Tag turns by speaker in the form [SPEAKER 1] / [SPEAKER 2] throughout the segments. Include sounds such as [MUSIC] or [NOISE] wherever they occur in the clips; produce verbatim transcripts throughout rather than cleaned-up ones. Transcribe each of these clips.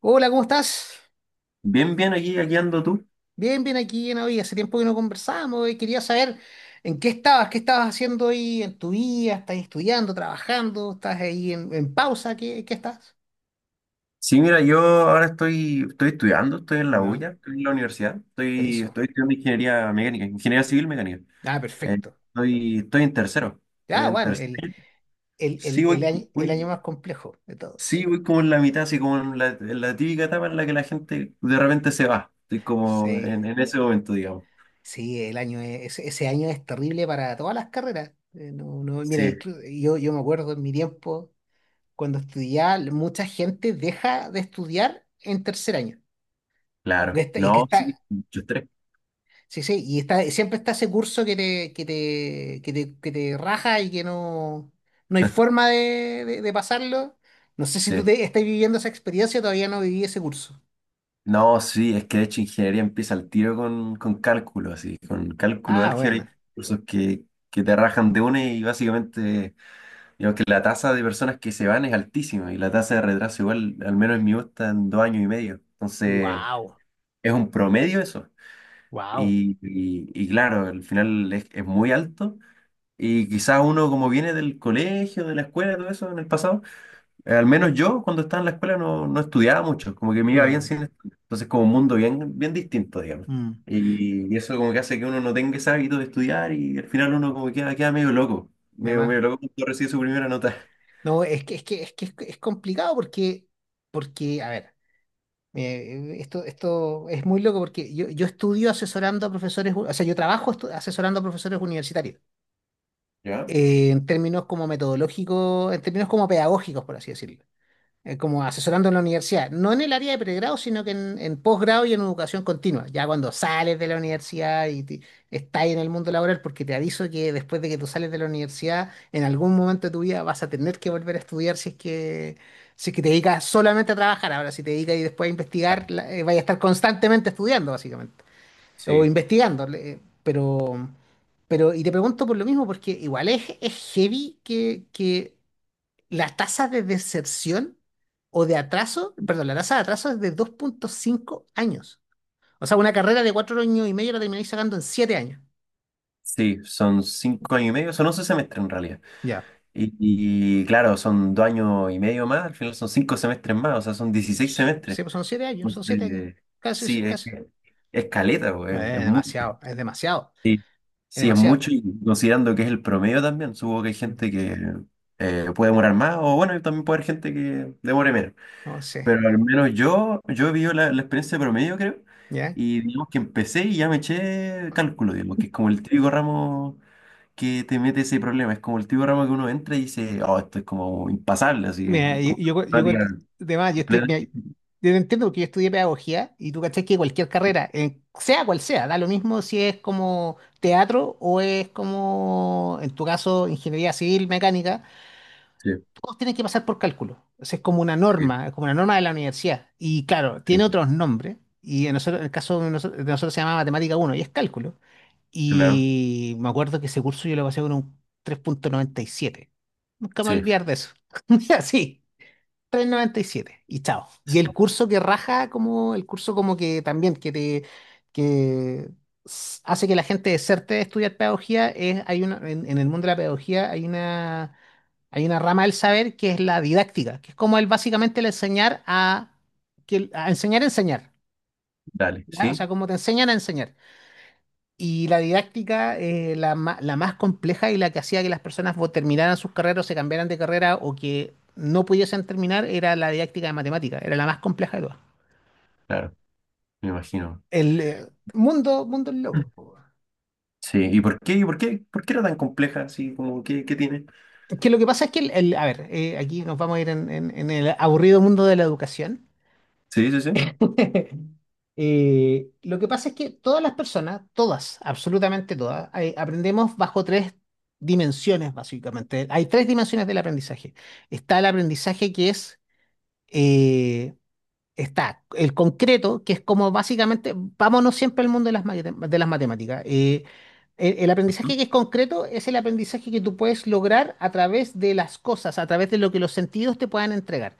[SPEAKER 1] Hola, ¿cómo estás?
[SPEAKER 2] Bien, bien, aquí, aquí ando tú.
[SPEAKER 1] Bien, bien aquí en hoy. Hace tiempo que no conversamos y quería saber en qué estabas, qué estabas haciendo hoy en tu vida. ¿Estás estudiando, trabajando? ¿Estás ahí en, en pausa? ¿Qué, qué estás?
[SPEAKER 2] Sí, mira, yo ahora estoy, estoy estudiando, estoy en la
[SPEAKER 1] ¿No?
[SPEAKER 2] U I A, estoy en la universidad, estoy,
[SPEAKER 1] Buenísimo.
[SPEAKER 2] estoy estudiando ingeniería mecánica, ingeniería civil mecánica.
[SPEAKER 1] Ah,
[SPEAKER 2] Eh,
[SPEAKER 1] perfecto.
[SPEAKER 2] estoy, estoy en tercero, estoy
[SPEAKER 1] Ah,
[SPEAKER 2] en
[SPEAKER 1] bueno,
[SPEAKER 2] tercero.
[SPEAKER 1] el, el,
[SPEAKER 2] Sí,
[SPEAKER 1] el, el
[SPEAKER 2] voy,
[SPEAKER 1] año, el año
[SPEAKER 2] voy-
[SPEAKER 1] más complejo de todos.
[SPEAKER 2] sí, voy como en la mitad, así como en la, en la típica etapa en la que la gente de repente se va. Estoy como
[SPEAKER 1] Sí,
[SPEAKER 2] en, en ese momento, digamos.
[SPEAKER 1] sí, el año es- ese, ese año es terrible para todas las carreras. Eh, no, no, mira,
[SPEAKER 2] Sí,
[SPEAKER 1] inclu- yo, yo me acuerdo en mi tiempo, cuando estudiaba, mucha gente deja de estudiar en tercer año. Que
[SPEAKER 2] claro.
[SPEAKER 1] está, y que
[SPEAKER 2] No, sí,
[SPEAKER 1] está,
[SPEAKER 2] mucho estrés.
[SPEAKER 1] Sí, sí, y está, siempre está ese curso que te, que te, que te, que te raja y que no, no hay forma de, de- de pasarlo. No sé si tú
[SPEAKER 2] Sí.
[SPEAKER 1] te, estás viviendo esa experiencia, todavía no viví ese curso.
[SPEAKER 2] No, sí, es que de hecho ingeniería empieza al tiro con, con cálculo, así, con cálculo,
[SPEAKER 1] Ah,
[SPEAKER 2] álgebra
[SPEAKER 1] bueno.
[SPEAKER 2] y cursos que, que te rajan de una y básicamente, digamos que la tasa de personas que se van es altísima y la tasa de retraso igual, al menos en mi U está en dos años y medio. Entonces,
[SPEAKER 1] Wow,
[SPEAKER 2] es un promedio eso.
[SPEAKER 1] wow.
[SPEAKER 2] Y, y- y claro, al final es, es muy alto y quizás uno como viene del colegio, de la escuela, todo eso en el pasado. Eh, Al menos yo cuando estaba en la escuela no, no estudiaba mucho, como que me iba bien
[SPEAKER 1] Ya.
[SPEAKER 2] sin estudiar. Entonces como un mundo bien, bien distinto, digamos.
[SPEAKER 1] Mm,
[SPEAKER 2] Y, y eso como que hace que uno no tenga ese hábito de estudiar y al final uno como que queda, queda medio loco,
[SPEAKER 1] de
[SPEAKER 2] medio,
[SPEAKER 1] más.
[SPEAKER 2] medio loco cuando recibe su primera nota.
[SPEAKER 1] No, es que es que es que es, es complicado porque porque a ver, eh, esto esto es muy loco porque yo, yo estudio asesorando a profesores, u- o sea, yo trabajo estu- asesorando a profesores universitarios.
[SPEAKER 2] [LAUGHS] ¿Ya?
[SPEAKER 1] Eh, en términos como metodológicos, en términos como pedagógicos, por así decirlo, eh, como asesorando en la universidad, no en el área de pregrado, sino que en, en posgrado y en educación continua, ya cuando sales de la universidad y te- estás en el mundo laboral, porque te aviso que después de que tú sales de la universidad, en algún momento de tu vida vas a tener que volver a estudiar si es que, si es que te dedicas solamente a trabajar, ahora si te dedicas y después a investigar, la- eh, vaya a estar constantemente estudiando, básicamente o
[SPEAKER 2] Sí.
[SPEAKER 1] investigando, le- pero, pero, y te pregunto por lo mismo, porque igual es, es heavy que, que las tasas de deserción o de atraso, perdón, la tasa de atraso es de dos punto cinco años. O sea, una carrera de cuatro años y medio la termináis sacando en siete años.
[SPEAKER 2] Sí, son cinco años y medio, son once semestres en realidad.
[SPEAKER 1] Ya.
[SPEAKER 2] Y, y claro, son dos años y medio más, al final son cinco semestres más, o sea, son dieciséis
[SPEAKER 1] S- Sí,
[SPEAKER 2] semestres.
[SPEAKER 1] pues son siete años, son siete años.
[SPEAKER 2] Entonces,
[SPEAKER 1] Casi, sí,
[SPEAKER 2] sí, es,
[SPEAKER 1] casi.
[SPEAKER 2] es caleta, pues, es,
[SPEAKER 1] Es
[SPEAKER 2] mucho.
[SPEAKER 1] demasiado, es demasiado,
[SPEAKER 2] Sí,
[SPEAKER 1] es
[SPEAKER 2] sí, es
[SPEAKER 1] demasiado.
[SPEAKER 2] mucho y considerando que es el promedio también, supongo que hay
[SPEAKER 1] Mm.
[SPEAKER 2] gente que eh, puede demorar más o bueno, y también puede haber gente que demore menos.
[SPEAKER 1] No sé,
[SPEAKER 2] Pero al menos yo, yo he vivido la, la experiencia de promedio, creo,
[SPEAKER 1] ¿ya?
[SPEAKER 2] y digamos que empecé y ya me eché cálculo, digamos, que es como el típico ramo que te mete ese problema, es como el típico ramo que uno entra y dice, oh, esto es como impasable, así,
[SPEAKER 1] Mira, yo,
[SPEAKER 2] como
[SPEAKER 1] yo, yo con-
[SPEAKER 2] temática
[SPEAKER 1] de más, yo estoy, mira,
[SPEAKER 2] completamente.
[SPEAKER 1] yo te entiendo porque yo estudié pedagogía y tú cachás que cualquier
[SPEAKER 2] Sí,
[SPEAKER 1] carrera, en- sea cual sea, da lo mismo si es como teatro o es como, en tu caso, ingeniería civil, mecánica, todos tienen que pasar por cálculo. O sea, es como una
[SPEAKER 2] sí,
[SPEAKER 1] norma, es como una norma de la universidad. Y claro,
[SPEAKER 2] sí,
[SPEAKER 1] tiene
[SPEAKER 2] sí,
[SPEAKER 1] otros nombres. Y en, nosotros, en el caso de nosotros, de nosotros se llama Matemática uno y es cálculo.
[SPEAKER 2] claro,
[SPEAKER 1] Y me acuerdo que ese curso yo lo pasé con un tres punto noventa y siete. Nunca me voy a
[SPEAKER 2] sí,
[SPEAKER 1] olvidar de eso. [LAUGHS] Así tres punto noventa y siete y siete y chao.
[SPEAKER 2] sí,
[SPEAKER 1] Y el curso que raja, como el curso como que también que te que s- hace que la gente deserte de estudiar pedagogía, es, hay una, en, en el mundo de la pedagogía hay una, hay una rama del saber que es la didáctica, que es como el básicamente el enseñar a, que, el- a enseñar a enseñar,
[SPEAKER 2] dale,
[SPEAKER 1] ¿ya? O
[SPEAKER 2] sí,
[SPEAKER 1] sea, como te enseñan a enseñar. Y la didáctica, eh, la, ma- la más compleja y la que hacía que las personas vo- terminaran sus carreras o se cambiaran de carrera o que no pudiesen terminar, era la didáctica de matemática, era la más compleja de todas.
[SPEAKER 2] claro, me imagino.
[SPEAKER 1] El eh, mundo, mundo del loco, po.
[SPEAKER 2] Sí, ¿y por qué? ¿Y por qué? ¿Por qué era tan compleja? Así como, ¿qué, ¿qué tiene?
[SPEAKER 1] Es Que lo que pasa es que, el, el- a ver, eh, aquí nos vamos a ir en, en- en el aburrido mundo de la educación.
[SPEAKER 2] Sí, sí, sí.
[SPEAKER 1] [LAUGHS] Eh, lo que pasa es que todas las personas, todas, absolutamente todas, eh, aprendemos bajo tres dimensiones, básicamente. Hay tres dimensiones del aprendizaje. Está el aprendizaje que es eh, está el concreto, que es como básicamente, vámonos siempre al mundo de las, mate- de las matemáticas. eh, el, el
[SPEAKER 2] Ujú.
[SPEAKER 1] aprendizaje que es concreto es el aprendizaje que tú puedes lograr a través de las cosas, a través de lo que los sentidos te puedan entregar.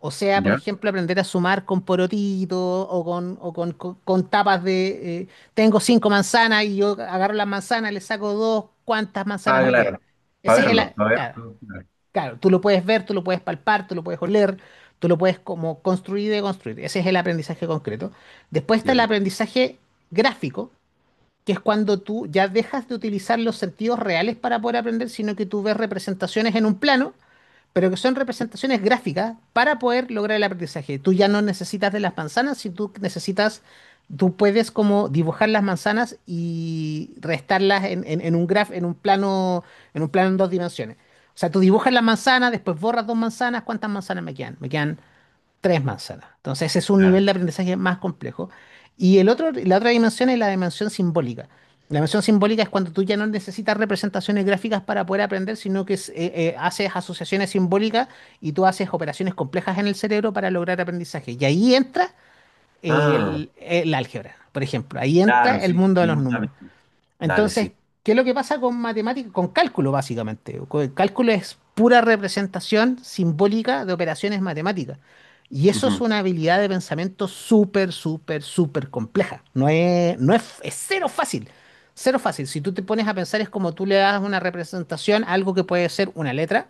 [SPEAKER 1] O sea, por
[SPEAKER 2] Ya.
[SPEAKER 1] ejemplo, aprender a sumar con porotitos o con, o con, con- con tapas de... eh, tengo cinco manzanas y yo agarro las manzanas, le saco dos, ¿cuántas manzanas
[SPEAKER 2] Ah,
[SPEAKER 1] me quedan?
[SPEAKER 2] claro. Para
[SPEAKER 1] Ese es el...
[SPEAKER 2] verlo,
[SPEAKER 1] a-
[SPEAKER 2] para
[SPEAKER 1] Claro.
[SPEAKER 2] verlo. Claro,
[SPEAKER 1] Claro, tú lo puedes ver, tú lo puedes palpar, tú lo puedes oler, tú lo puedes como construir y deconstruir. Ese es el aprendizaje concreto. Después está el
[SPEAKER 2] entiendo.
[SPEAKER 1] aprendizaje gráfico, que es cuando tú ya dejas de utilizar los sentidos reales para poder aprender, sino que tú ves representaciones en un plano pero que son representaciones gráficas para poder lograr el aprendizaje. Tú ya no necesitas de las manzanas, si tú necesitas, tú puedes como dibujar las manzanas y restarlas en, en- en un graf, en un plano, en un plano en dos dimensiones. O sea, tú dibujas las manzanas, después borras dos manzanas, ¿cuántas manzanas me quedan? Me quedan Tres manzanas. Entonces, ese es un nivel
[SPEAKER 2] Claro.
[SPEAKER 1] de aprendizaje más complejo. Y el otro, la otra dimensión es la dimensión simbólica. La dimensión simbólica es cuando tú ya no necesitas representaciones gráficas para poder aprender, sino que es- eh, eh, haces asociaciones simbólicas y tú haces operaciones complejas en el cerebro para lograr aprendizaje. Y ahí entra
[SPEAKER 2] Ah,
[SPEAKER 1] el, el álgebra, por ejemplo. Ahí entra
[SPEAKER 2] claro,
[SPEAKER 1] el
[SPEAKER 2] sí.
[SPEAKER 1] mundo de
[SPEAKER 2] Estoy
[SPEAKER 1] los
[SPEAKER 2] muy claro.
[SPEAKER 1] números.
[SPEAKER 2] Dale,
[SPEAKER 1] Entonces,
[SPEAKER 2] sí.
[SPEAKER 1] ¿qué es lo que pasa con matemáticas, Con cálculo, básicamente? Co- El cálculo es pura representación simbólica de operaciones matemáticas. Y eso es
[SPEAKER 2] Ujú.
[SPEAKER 1] una habilidad de pensamiento súper, súper, súper compleja. No es, no es, es cero fácil. Cero fácil. Si tú te pones a pensar, es como tú le das una representación a algo que puede ser una letra,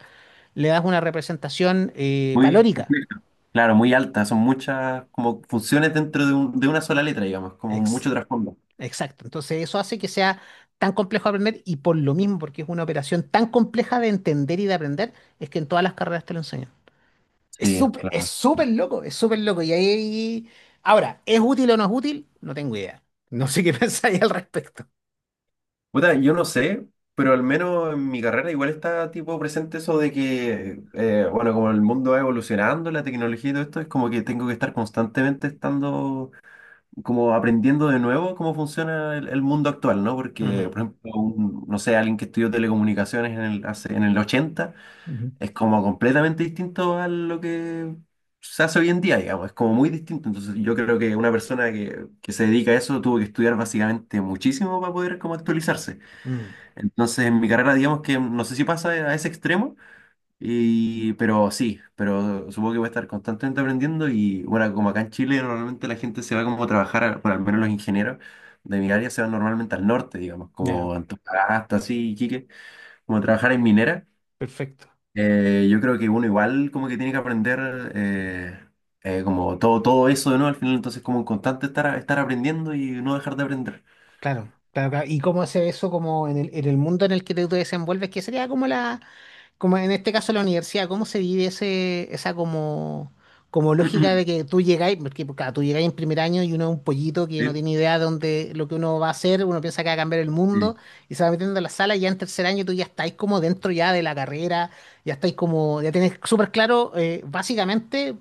[SPEAKER 1] le das una representación eh,
[SPEAKER 2] Muy
[SPEAKER 1] valórica.
[SPEAKER 2] compleja. Claro, muy alta. Son muchas como funciones dentro de, un- de una sola letra, digamos, como
[SPEAKER 1] Ex-
[SPEAKER 2] mucho trasfondo.
[SPEAKER 1] Exacto. Entonces eso hace que sea tan complejo de aprender y por lo mismo, porque es una operación tan compleja de entender y de aprender, es que en todas las carreras te lo enseñan. Es
[SPEAKER 2] Sí,
[SPEAKER 1] súper, es
[SPEAKER 2] claro.
[SPEAKER 1] súper loco, es súper loco. Y ahí, ahora, ¿es útil o no es útil? No tengo idea. No sé qué [LAUGHS] pensáis al respecto.
[SPEAKER 2] Puta, yo no sé, pero al menos en mi carrera igual está tipo presente eso de que, eh, bueno, como el mundo va evolucionando, la tecnología y todo esto, es como que tengo que estar constantemente estando, como aprendiendo de nuevo cómo funciona el, el mundo actual, ¿no? Porque,
[SPEAKER 1] Ujú,
[SPEAKER 2] por ejemplo, un- no sé, alguien que estudió telecomunicaciones en el, hace- en el ochenta
[SPEAKER 1] ujú,
[SPEAKER 2] es como completamente distinto a lo que se hace hoy en día, digamos, es como muy distinto. Entonces yo creo que una persona que, que se dedica a eso tuvo que estudiar básicamente muchísimo para poder como actualizarse.
[SPEAKER 1] mm,
[SPEAKER 2] Entonces, en mi carrera, digamos que no sé si pasa a ese extremo, y, pero sí, pero supongo que voy a estar constantemente aprendiendo y bueno, como acá en Chile normalmente la gente se va como a trabajar, a- bueno, al menos los ingenieros de mi área se van normalmente al norte, digamos,
[SPEAKER 1] ya,
[SPEAKER 2] como Antofagasta, así, Iquique, como a trabajar en minera.
[SPEAKER 1] perfecto.
[SPEAKER 2] Eh, yo creo que uno igual como que tiene que aprender eh, eh, como todo, todo eso de nuevo al final, entonces como en constante estar, estar aprendiendo y no dejar de aprender.
[SPEAKER 1] Claro, claro, claro. ¿Y cómo hace eso como en el, en el mundo en el que te, te desenvuelves? Que sería como la, como en este caso la universidad, ¿cómo se vive ese, esa como, como lógica de
[SPEAKER 2] [CLEARS THROAT]
[SPEAKER 1] que tú llegáis, porque pues, claro, tú llegáis en primer año y uno es un pollito que no
[SPEAKER 2] Sí,
[SPEAKER 1] tiene idea de dónde, lo que uno va a hacer, uno piensa que va a cambiar el
[SPEAKER 2] sí.
[SPEAKER 1] mundo y se va metiendo en la sala y ya en tercer año tú ya estáis como dentro ya de la carrera, ya estáis como, ya tenés súper claro eh, básicamente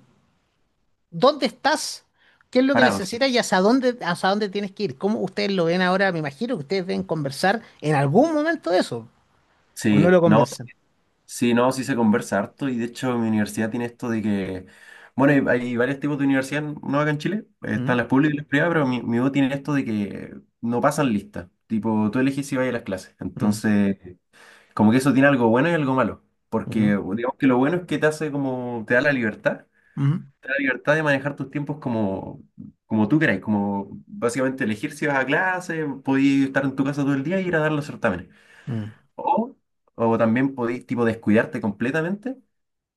[SPEAKER 1] dónde estás. ¿Qué es lo que
[SPEAKER 2] Parados.
[SPEAKER 1] necesitas y hacia dónde, hacia dónde tienes que ir? ¿Cómo ustedes lo ven ahora? Me imagino que ustedes deben conversar en algún momento de eso, o no
[SPEAKER 2] Sí,
[SPEAKER 1] lo
[SPEAKER 2] no,
[SPEAKER 1] conversan.
[SPEAKER 2] sí, no, sí se conversa harto y de hecho mi universidad tiene esto de que, bueno, hay, hay varios tipos de universidad, no acá en Chile, están
[SPEAKER 1] Mm,
[SPEAKER 2] las públicas y las privadas, pero mi, mi U tiene esto de que no pasan lista, tipo, tú eliges si vas a las clases,
[SPEAKER 1] mm,
[SPEAKER 2] entonces, como que eso tiene algo bueno y algo malo, porque
[SPEAKER 1] ujú.
[SPEAKER 2] digamos que lo bueno es que te hace como, te da la libertad,
[SPEAKER 1] Ujú,
[SPEAKER 2] te da la libertad de manejar tus tiempos como, como tú queráis, como básicamente elegir si vas a clase, podías estar en tu casa todo el día y ir a dar los certámenes.
[SPEAKER 1] mm,
[SPEAKER 2] O, o también podéis tipo descuidarte completamente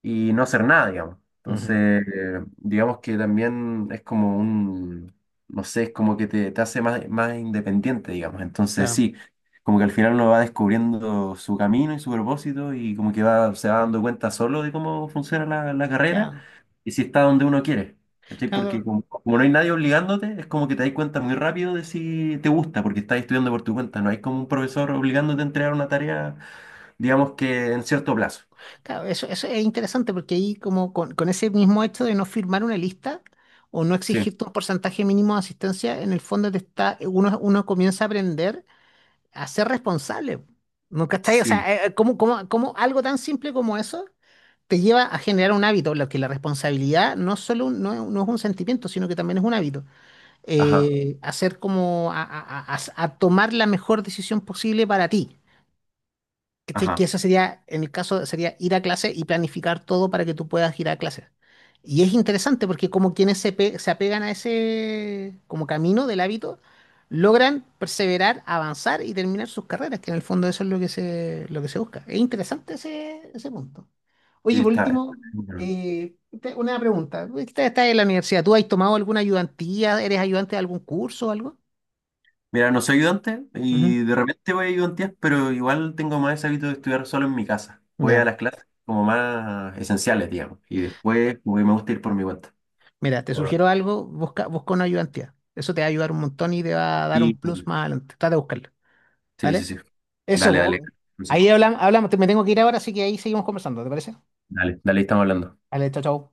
[SPEAKER 2] y no hacer nada, digamos.
[SPEAKER 1] ujú.
[SPEAKER 2] Entonces, eh, digamos que también es como un, no sé, es como que te, te hace más, más independiente, digamos. Entonces,
[SPEAKER 1] Claro,
[SPEAKER 2] sí, como que al final uno va descubriendo su camino y su propósito y como que va, se va dando cuenta solo de cómo funciona la, la carrera
[SPEAKER 1] claro,
[SPEAKER 2] y si está donde uno quiere. ¿Cachai? Porque
[SPEAKER 1] claro,
[SPEAKER 2] como, como no hay nadie obligándote, es como que te das cuenta muy rápido de si te gusta, porque estás estudiando por tu cuenta, no hay como un profesor obligándote a entregar una tarea, digamos que en cierto plazo.
[SPEAKER 1] claro, eso, eso es interesante porque ahí como con, con ese mismo hecho de no firmar una lista o no
[SPEAKER 2] Sí,
[SPEAKER 1] exigirte un porcentaje mínimo de asistencia, en el fondo te está, uno, uno comienza a aprender a ser responsable. ¿No cachai? O
[SPEAKER 2] sí,
[SPEAKER 1] sea, eh, eh, ¿cómo, cómo- cómo algo tan simple como eso te lleva a generar un hábito? Lo que la responsabilidad no es solo un- no es, no es un sentimiento, sino que también es un hábito.
[SPEAKER 2] ajá.
[SPEAKER 1] Eh, hacer como a a- a- a tomar la mejor decisión posible para ti. ¿Cachai? Que
[SPEAKER 2] Ajá,
[SPEAKER 1] eso sería, en el caso, sería ir a clase y planificar todo para que tú puedas ir a clase. Y es interesante porque como quienes se, pe- se apegan a ese como camino del hábito, logran perseverar, avanzar y terminar sus carreras, que en el fondo eso es lo que se, lo que se busca. Es interesante ese, ese punto.
[SPEAKER 2] sí,
[SPEAKER 1] Oye, por
[SPEAKER 2] está.
[SPEAKER 1] último,
[SPEAKER 2] Bueno,
[SPEAKER 1] eh, te- una pregunta. Estás en la universidad, ¿tú has tomado alguna ayudantía? ¿Eres ayudante de algún curso o algo?
[SPEAKER 2] mira, no soy ayudante
[SPEAKER 1] Ujú.
[SPEAKER 2] y de repente voy a ayudantías, pero igual tengo más ese hábito de estudiar solo en mi casa. Voy a
[SPEAKER 1] Ya.
[SPEAKER 2] las clases como más esenciales, digamos, y después güey, me gusta ir por mi cuenta.
[SPEAKER 1] Mira, te
[SPEAKER 2] Bueno,
[SPEAKER 1] sugiero algo, busca, busca una ayudantía. Eso te va a ayudar un montón y te va a dar un
[SPEAKER 2] sí,
[SPEAKER 1] plus
[SPEAKER 2] sí,
[SPEAKER 1] más adelante. Trata de buscarlo,
[SPEAKER 2] sí, sí.
[SPEAKER 1] ¿vale?
[SPEAKER 2] Sí.
[SPEAKER 1] Eso,
[SPEAKER 2] Dale, dale,
[SPEAKER 1] po. ahí
[SPEAKER 2] consejo.
[SPEAKER 1] hablamos, hablamos. Te- Me tengo que ir ahora, así que ahí seguimos conversando, ¿te parece?
[SPEAKER 2] Dale, dale, estamos hablando.
[SPEAKER 1] Vale, chao, chao.